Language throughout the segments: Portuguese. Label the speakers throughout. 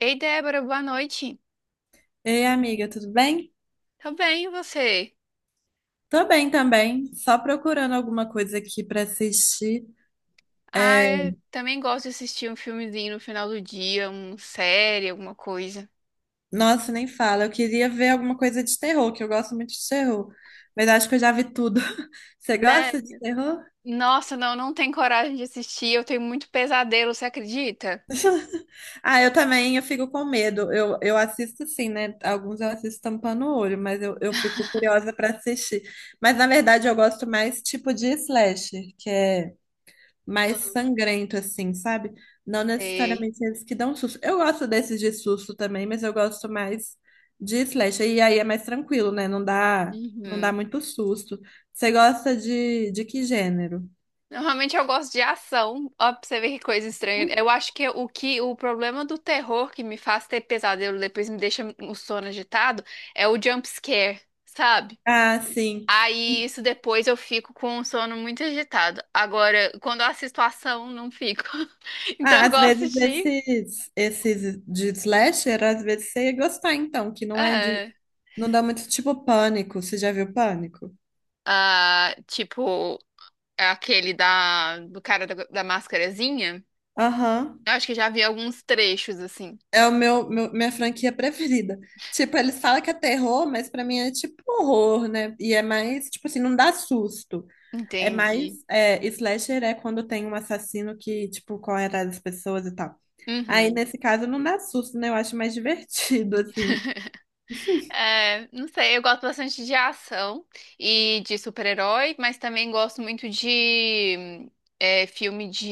Speaker 1: Ei, Débora, boa noite.
Speaker 2: Ei, amiga, tudo bem?
Speaker 1: Tá bem, e você?
Speaker 2: Tô bem também, só procurando alguma coisa aqui pra assistir.
Speaker 1: Ah,
Speaker 2: É,
Speaker 1: eu também gosto de assistir um filmezinho no final do dia, uma série, alguma coisa.
Speaker 2: nossa, nem fala, eu queria ver alguma coisa de terror, que eu gosto muito de terror, mas acho que eu já vi tudo. Você gosta de
Speaker 1: Sério?
Speaker 2: terror?
Speaker 1: Nossa, não, não tenho coragem de assistir. Eu tenho muito pesadelo, você acredita?
Speaker 2: Ah, eu também, eu fico com medo. Eu assisto sim, né? Alguns eu assisto tampando o olho, mas eu fico curiosa pra assistir. Mas na verdade eu gosto mais tipo de slasher, que é mais
Speaker 1: Ah.
Speaker 2: sangrento, assim, sabe? Não
Speaker 1: Sei.
Speaker 2: necessariamente eles que dão susto. Eu gosto desses de susto também, mas eu gosto mais de slasher. E aí é mais tranquilo, né? Não dá
Speaker 1: Uhum.
Speaker 2: muito susto. Você gosta de que gênero?
Speaker 1: Normalmente eu gosto de ação. Ó, pra você ver que coisa estranha.
Speaker 2: Hum?
Speaker 1: Eu acho que o problema do terror que me faz ter pesadelo depois me deixa o sono agitado é o jump scare, sabe?
Speaker 2: Ah, sim.
Speaker 1: Aí isso depois eu fico com o sono muito agitado. Agora, quando eu assisto a ação, não fico. Então
Speaker 2: Ah,
Speaker 1: eu
Speaker 2: às
Speaker 1: gosto
Speaker 2: vezes
Speaker 1: de.
Speaker 2: esses de slasher, às vezes você ia gostar, então, que não é de.
Speaker 1: É,
Speaker 2: Não dá muito tipo pânico. Você já viu pânico?
Speaker 1: ah, tipo, aquele do cara da máscarazinha.
Speaker 2: Aham.
Speaker 1: Eu acho que já vi alguns trechos assim.
Speaker 2: É o minha franquia preferida. Tipo, eles falam que é terror, mas pra mim é tipo horror, né? E é mais, tipo assim, não dá susto. É mais,
Speaker 1: Entendi.
Speaker 2: é, slasher é quando tem um assassino que, tipo, corre atrás das pessoas e tal. Aí,
Speaker 1: Uhum.
Speaker 2: nesse caso, não dá susto, né? Eu acho mais divertido, assim.
Speaker 1: É, não sei, eu gosto bastante de ação e de super-herói, mas também gosto muito de filme de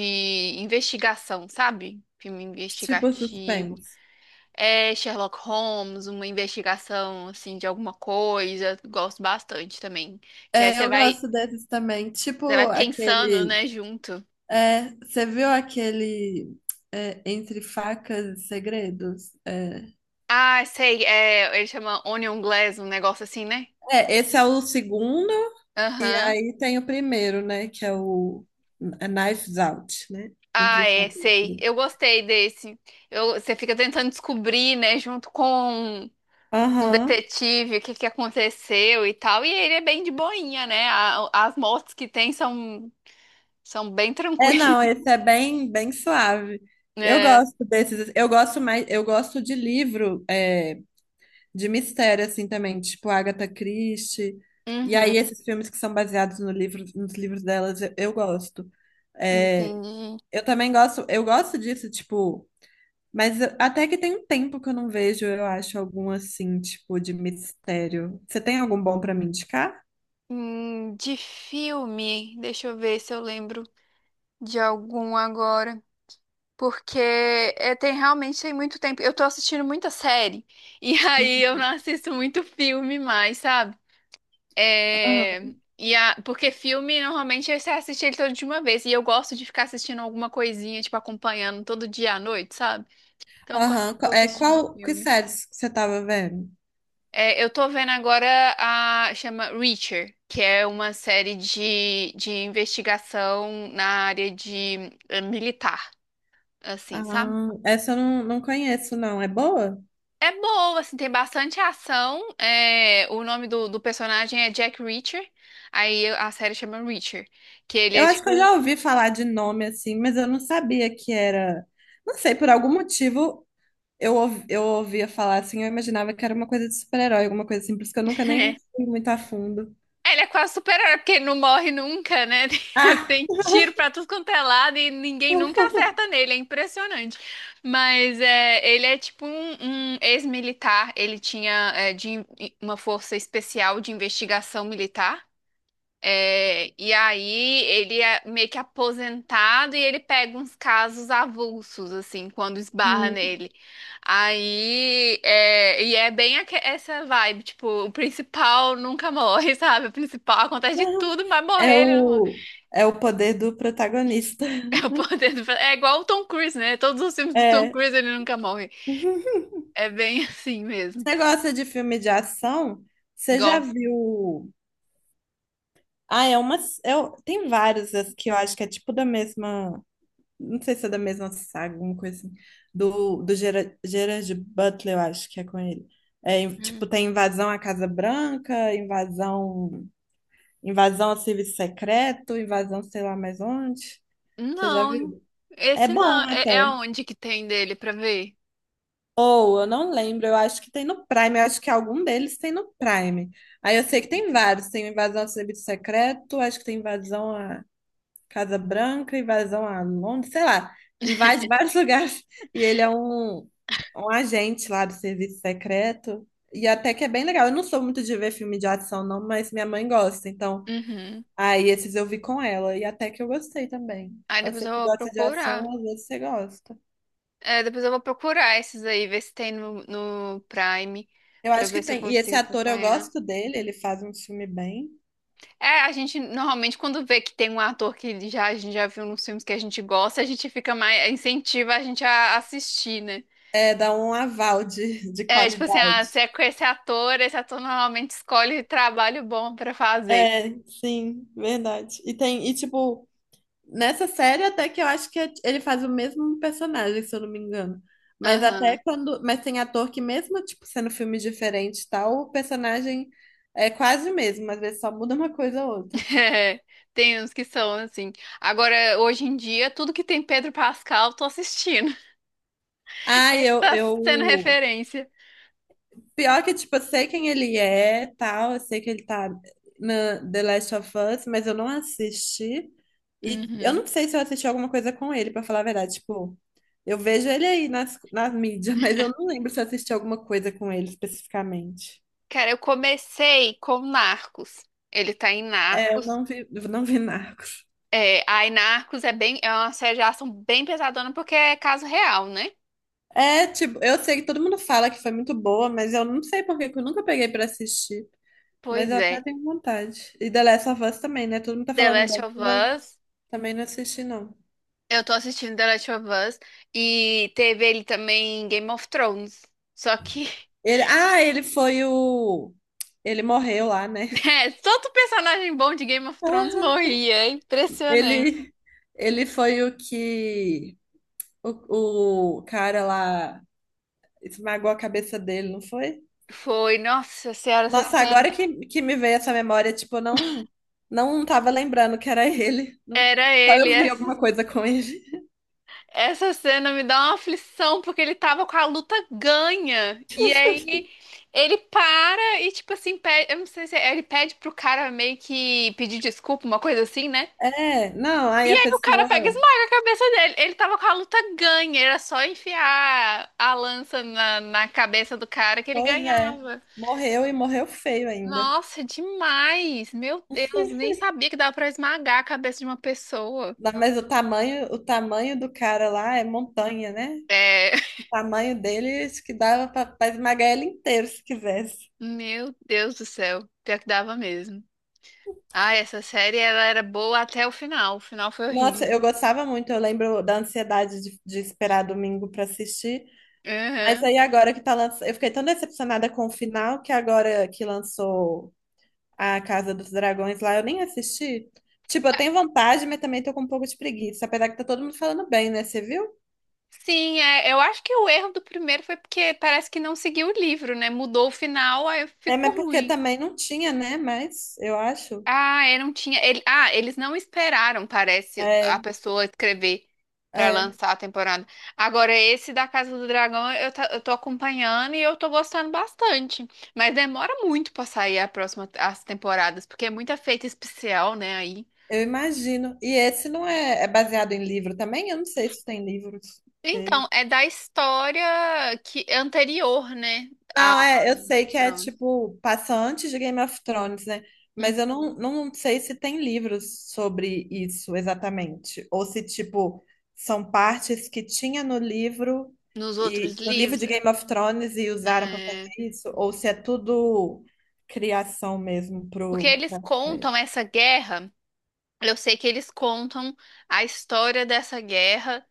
Speaker 1: investigação, sabe? Filme
Speaker 2: Tipo,
Speaker 1: investigativo.
Speaker 2: suspense.
Speaker 1: É Sherlock Holmes, uma investigação assim de alguma coisa, gosto bastante também. Que aí
Speaker 2: É,
Speaker 1: você
Speaker 2: eu
Speaker 1: vai,
Speaker 2: gosto desses também. Tipo,
Speaker 1: Você vai pensando,
Speaker 2: aquele...
Speaker 1: né, junto.
Speaker 2: É, você viu aquele... é, Entre Facas e Segredos? É,
Speaker 1: Ah, sei, é, ele chama Onion Glass, um negócio assim, né?
Speaker 2: é, esse é o segundo. E
Speaker 1: Aham.
Speaker 2: aí tem o primeiro, né? Que é o a Knives Out, né?
Speaker 1: Ah,
Speaker 2: Entre
Speaker 1: é,
Speaker 2: Facas e
Speaker 1: sei.
Speaker 2: Segredos.
Speaker 1: Eu gostei desse. Você fica tentando descobrir, né, junto com o
Speaker 2: Aham.
Speaker 1: detetive, o que aconteceu e tal. E ele é bem de boinha, né? As mortes que tem são, são bem
Speaker 2: É,
Speaker 1: tranquilas,
Speaker 2: não, esse é bem, bem suave. Eu
Speaker 1: né?
Speaker 2: gosto desses. Eu gosto mais, eu gosto de livro é, de mistério, assim, também, tipo Agatha Christie. E aí,
Speaker 1: Uhum,
Speaker 2: esses filmes que são baseados no livro, nos livros delas, eu gosto. É,
Speaker 1: entendi.
Speaker 2: eu também gosto, eu gosto disso, tipo. Mas eu- até que tem um tempo que eu não vejo, eu acho, algum assim, tipo, de mistério. Você tem algum bom pra me indicar?
Speaker 1: De filme, deixa eu ver se eu lembro de algum agora. Porque é, tem realmente tem muito tempo. Eu tô assistindo muita série. E aí eu
Speaker 2: Uhum.
Speaker 1: não assisto muito filme mais, sabe?
Speaker 2: Aham.
Speaker 1: É, Porque filme normalmente é você assiste ele todo de uma vez. E eu gosto de ficar assistindo alguma coisinha, tipo, acompanhando todo dia à noite, sabe? Então quase não
Speaker 2: Aham.
Speaker 1: tô
Speaker 2: É,
Speaker 1: assistindo
Speaker 2: que
Speaker 1: filme.
Speaker 2: séries que você tava vendo?
Speaker 1: É, eu tô vendo agora a chama Reacher, que é uma série de investigação na área de militar, assim, sabe?
Speaker 2: Ah, essa eu não conheço, não. É boa?
Speaker 1: É boa, assim, tem bastante ação. É, o nome do personagem é Jack Reacher. Aí a série chama Reacher, que ele
Speaker 2: Eu
Speaker 1: é
Speaker 2: acho que eu
Speaker 1: tipo.
Speaker 2: já ouvi falar de nome assim, mas eu não sabia que era. Não sei, por algum motivo eu ouvia falar assim, eu imaginava que era uma coisa de super-herói, alguma coisa assim, por isso que eu nunca nem fui muito a fundo.
Speaker 1: Ele é quase super-herói, porque ele não morre nunca, né? Tem
Speaker 2: Ah!
Speaker 1: tem tiro pra tudo quanto é lado e ninguém nunca acerta nele, é impressionante. Mas é, ele é tipo um, um ex-militar, ele tinha uma força especial de investigação militar. É, e aí ele é meio que aposentado e ele pega uns casos avulsos, assim, quando esbarra
Speaker 2: Hum.
Speaker 1: nele. Aí, é, e é bem essa vibe, tipo, o principal nunca morre, sabe? O principal acontece de tudo, mas
Speaker 2: É
Speaker 1: morrer ele não morre.
Speaker 2: o, é o poder do protagonista.
Speaker 1: É, o poder é igual o Tom Cruise, né? Todos os filmes do Tom
Speaker 2: É.
Speaker 1: Cruise ele nunca morre.
Speaker 2: Você
Speaker 1: É bem assim mesmo.
Speaker 2: gosta de filme de ação? Você já
Speaker 1: Gosto.
Speaker 2: viu? Ah, é uma. Eu, tem vários as que eu acho que é tipo da mesma. Não sei se é da mesma saga, alguma coisa assim, do Gerard Butler, eu acho que é com ele. É, em- tipo,
Speaker 1: Hum.
Speaker 2: tem invasão à Casa Branca, invasão ao serviço secreto, invasão sei lá mais onde. Você já
Speaker 1: Não,
Speaker 2: viu? É
Speaker 1: esse não.
Speaker 2: bom
Speaker 1: É, é
Speaker 2: até.
Speaker 1: onde que tem dele pra ver?
Speaker 2: Ou, eu não lembro, eu acho que tem no Prime, eu acho que algum deles tem no Prime. Aí eu sei que tem vários, tem invasão ao serviço secreto, acho que tem invasão Casa Branca, invasão a Londres, sei lá, invade vários lugares. E ele é um agente lá do serviço secreto. E até que é bem legal. Eu não sou muito de ver filme de ação, não, mas minha mãe gosta. Então,
Speaker 1: Uhum.
Speaker 2: aí esses eu vi com ela. E até que eu gostei também.
Speaker 1: Aí depois
Speaker 2: Você
Speaker 1: eu
Speaker 2: que
Speaker 1: vou
Speaker 2: gosta de
Speaker 1: procurar.
Speaker 2: ação, às vezes você gosta.
Speaker 1: É, depois eu vou procurar esses aí, ver se tem no, no Prime,
Speaker 2: Eu
Speaker 1: pra
Speaker 2: acho que
Speaker 1: ver se eu
Speaker 2: tem. E esse
Speaker 1: consigo
Speaker 2: ator, eu
Speaker 1: acompanhar.
Speaker 2: gosto dele, ele faz um filme bem.
Speaker 1: É, a gente normalmente quando vê que tem um ator que já, a gente já viu nos filmes que a gente gosta, a gente fica mais, incentiva a gente a assistir, né?
Speaker 2: É, dá um aval de
Speaker 1: É, tipo assim, ah, se
Speaker 2: qualidade.
Speaker 1: é com esse ator normalmente escolhe trabalho bom pra fazer.
Speaker 2: É, sim, verdade. E tem, e tipo, nessa série, até que eu acho que é, ele faz o mesmo personagem, se eu não me engano. Mas até
Speaker 1: Aham.
Speaker 2: quando. Mas tem ator que, mesmo, tipo, sendo filme diferente e tal, o personagem é quase o mesmo, às vezes só muda uma coisa ou outra.
Speaker 1: É, tem uns que são assim. Agora, hoje em dia, tudo que tem Pedro Pascal, eu tô assistindo.
Speaker 2: Ah,
Speaker 1: Tá sendo
Speaker 2: eu
Speaker 1: referência.
Speaker 2: pior que, tipo, eu sei quem ele é, tal, eu sei que ele tá na The Last of Us, mas eu não assisti. E eu
Speaker 1: Uhum.
Speaker 2: não sei se eu assisti alguma coisa com ele, pra falar a verdade. Tipo, eu vejo ele aí nas mídias, mas eu não lembro se eu assisti alguma coisa com ele especificamente.
Speaker 1: Cara, eu comecei com Narcos. Ele tá em
Speaker 2: É,
Speaker 1: Narcos.
Speaker 2: eu não vi Narcos.
Speaker 1: É, aí Narcos é bem, é uma série de ação bem pesadona porque é caso real, né?
Speaker 2: É, tipo, eu sei que todo mundo fala que foi muito boa, mas eu não sei por que que eu nunca peguei pra assistir. Mas
Speaker 1: Pois
Speaker 2: eu
Speaker 1: é.
Speaker 2: até tenho vontade. E The Last of Us também, né? Todo mundo tá
Speaker 1: The
Speaker 2: falando
Speaker 1: Last
Speaker 2: bem,
Speaker 1: of
Speaker 2: mas eu
Speaker 1: Us.
Speaker 2: também não assisti, não.
Speaker 1: Eu tô assistindo The Last of Us e teve ele também em Game of Thrones. Só que
Speaker 2: Ele, ah, ele foi o. Ele morreu lá, né?
Speaker 1: é, todo personagem bom de Game of Thrones
Speaker 2: Ah,
Speaker 1: morria, é impressionante.
Speaker 2: Ele, ele foi o que. O cara lá esmagou a cabeça dele, não foi?
Speaker 1: Foi, nossa senhora, essa
Speaker 2: Nossa, agora
Speaker 1: cena.
Speaker 2: que me veio essa memória, tipo, eu não. Não tava lembrando que era ele. Não-
Speaker 1: Era
Speaker 2: só
Speaker 1: ele,
Speaker 2: eu vi
Speaker 1: essa
Speaker 2: alguma coisa com ele.
Speaker 1: Essa cena me dá uma aflição, porque ele tava com a luta ganha. E aí ele para e, tipo assim, pede, eu não sei se é- ele pede pro cara meio que pedir desculpa, uma coisa assim, né?
Speaker 2: É, não, aí
Speaker 1: E
Speaker 2: a
Speaker 1: aí o cara pega e
Speaker 2: pessoa.
Speaker 1: esmaga a cabeça dele. Ele tava com a luta ganha, era só enfiar a lança na cabeça do cara que ele
Speaker 2: Pois é,
Speaker 1: ganhava.
Speaker 2: morreu e morreu feio ainda.
Speaker 1: Nossa, demais! Meu Deus, nem sabia que dava pra esmagar a cabeça de uma pessoa.
Speaker 2: Não, mas o tamanho do cara lá é montanha, né?
Speaker 1: É,
Speaker 2: Tamanho deles que dava para esmagar ele inteiro se quisesse.
Speaker 1: meu Deus do céu, pior que dava mesmo. Ah, essa série ela era boa até o final. O final foi
Speaker 2: Nossa,
Speaker 1: horrível.
Speaker 2: eu gostava muito, eu lembro da ansiedade de esperar domingo para assistir. Mas
Speaker 1: Uhum.
Speaker 2: aí agora que tá lançando, eu fiquei tão decepcionada com o final que agora que lançou a Casa dos Dragões lá, eu nem assisti. Tipo, eu tenho vontade, mas também tô com um pouco de preguiça, apesar que tá todo mundo falando bem, né? Você viu?
Speaker 1: Sim, é, eu acho que o erro do primeiro foi porque parece que não seguiu o livro, né? Mudou o final, aí
Speaker 2: É, mas
Speaker 1: ficou
Speaker 2: porque
Speaker 1: ruim.
Speaker 2: também não tinha, né? Mas eu acho.
Speaker 1: Ah, eu não tinha. Ele- ah, Eles não esperaram, parece, a
Speaker 2: É,
Speaker 1: pessoa escrever pra
Speaker 2: é.
Speaker 1: lançar a temporada. Agora, esse da Casa do Dragão, eu tô acompanhando e eu tô gostando bastante. Mas demora muito pra sair a próxima, as temporadas, porque é muita feita especial, né? Aí.
Speaker 2: Eu imagino. E esse não é, é baseado em livro também? Eu não sei se tem livros dele.
Speaker 1: Então, é da história que anterior, né, ao
Speaker 2: Não, é, eu
Speaker 1: Game of
Speaker 2: sei que é
Speaker 1: Thrones.
Speaker 2: tipo, passa antes de Game of Thrones, né? Mas eu
Speaker 1: Uhum.
Speaker 2: não sei se tem livros sobre isso exatamente. Ou se, tipo, são partes que tinha no livro
Speaker 1: Nos outros
Speaker 2: e no livro
Speaker 1: livros,
Speaker 2: de Game of Thrones e usaram para
Speaker 1: é,
Speaker 2: fazer isso, ou se é tudo criação mesmo
Speaker 1: porque
Speaker 2: pro,
Speaker 1: eles
Speaker 2: pra série.
Speaker 1: contam essa guerra. Eu sei que eles contam a história dessa guerra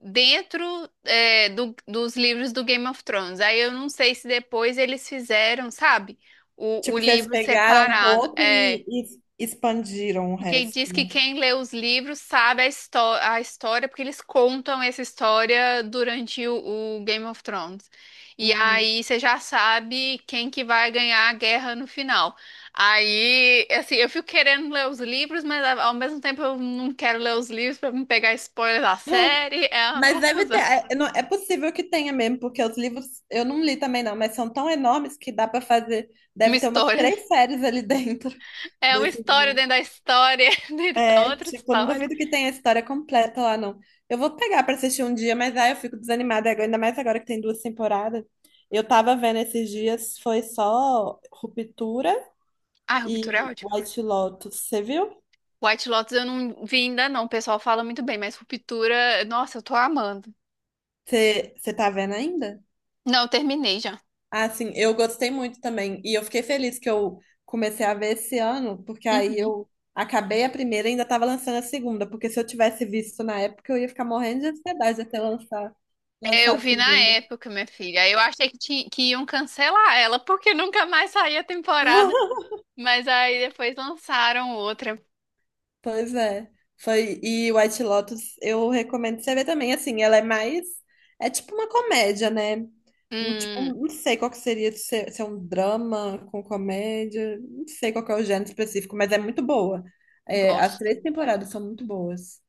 Speaker 1: dentro, dos livros do Game of Thrones. Aí eu não sei se depois eles fizeram, sabe, o
Speaker 2: Tipo, vocês
Speaker 1: livro
Speaker 2: pegaram um
Speaker 1: separado.
Speaker 2: pouco
Speaker 1: É,
Speaker 2: e expandiram o
Speaker 1: porque
Speaker 2: resto.
Speaker 1: diz que quem lê os livros sabe a história, porque eles contam essa história durante o Game of Thrones. E
Speaker 2: Uhum.
Speaker 1: aí você já sabe quem que vai ganhar a guerra no final. Aí, assim, eu fico querendo ler os livros, mas ao mesmo tempo eu não quero ler os livros pra não pegar spoiler da
Speaker 2: Ah,
Speaker 1: série. É uma
Speaker 2: mas deve ter.
Speaker 1: confusão.
Speaker 2: É possível que tenha mesmo, porque os livros eu não li também, não, mas são tão enormes que dá para fazer.
Speaker 1: Uma
Speaker 2: Deve ter umas
Speaker 1: história.
Speaker 2: três séries ali dentro
Speaker 1: É uma
Speaker 2: desses
Speaker 1: história
Speaker 2: livros.
Speaker 1: dentro da história, dentro da
Speaker 2: É,
Speaker 1: outra
Speaker 2: tipo, não
Speaker 1: história.
Speaker 2: duvido que tenha a história completa lá, não. Eu vou pegar para assistir um dia, mas aí eu fico desanimada, agora- ainda mais agora que tem duas temporadas. Eu tava vendo esses dias, foi só Ruptura
Speaker 1: Ai, Ruptura é
Speaker 2: e
Speaker 1: ótimo.
Speaker 2: White Lotus. Você viu?
Speaker 1: White Lotus eu não vi ainda não, o pessoal fala muito bem, mas Ruptura, nossa, eu tô amando.
Speaker 2: Você tá vendo ainda?
Speaker 1: Não, eu terminei já.
Speaker 2: Ah, sim, eu gostei muito também. E eu fiquei feliz que eu comecei a ver esse ano, porque aí
Speaker 1: Uhum.
Speaker 2: eu acabei a primeira e ainda estava lançando a segunda. Porque se eu tivesse visto na época, eu ia ficar morrendo de ansiedade até
Speaker 1: É, eu
Speaker 2: lançar a
Speaker 1: vi na
Speaker 2: segunda.
Speaker 1: época, minha filha. Aí eu achei que iam cancelar ela, porque nunca mais saía temporada. Mas aí depois lançaram outra.
Speaker 2: Pois é. Foi, e White Lotus, eu recomendo você ver também, assim, ela é mais, é tipo uma comédia, né? Não, tipo,
Speaker 1: Hum,
Speaker 2: não sei qual que seria, se é se é um drama com comédia, não sei qual que é o gênero específico, mas é muito boa. É, as
Speaker 1: gosto.
Speaker 2: três temporadas são muito boas.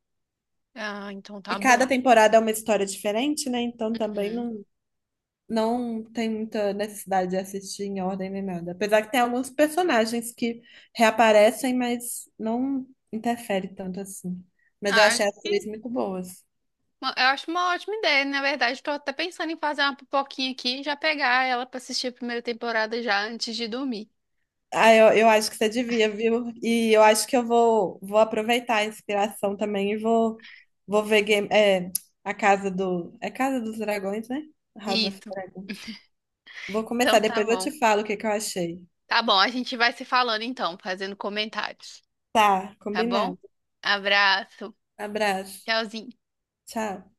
Speaker 1: Ah, então
Speaker 2: E
Speaker 1: tá bom.
Speaker 2: cada temporada é uma história diferente, né? Então também
Speaker 1: Uhum.
Speaker 2: não, não tem muita necessidade de assistir em ordem nem nada. Apesar que tem alguns personagens que reaparecem, mas não interfere tanto assim. Mas eu
Speaker 1: Ah, acho
Speaker 2: achei as
Speaker 1: que-
Speaker 2: três muito boas.
Speaker 1: eu acho uma ótima ideia. Na verdade, tô até pensando em fazer uma pipoquinha aqui e já pegar ela pra assistir a primeira temporada já antes de dormir.
Speaker 2: Ah, eu acho que você devia, viu? E eu acho que eu vou aproveitar a inspiração também e vou, vou ver a Casa do. É Casa dos Dragões, né? House of
Speaker 1: Isso.
Speaker 2: Dragons. Vou
Speaker 1: Então
Speaker 2: começar,
Speaker 1: tá
Speaker 2: depois eu
Speaker 1: bom.
Speaker 2: te falo o que que eu achei.
Speaker 1: Tá bom, a gente vai se falando então, fazendo comentários,
Speaker 2: Tá,
Speaker 1: tá bom?
Speaker 2: combinado.
Speaker 1: Abraço,
Speaker 2: Abraço.
Speaker 1: tchauzinho.
Speaker 2: Tchau.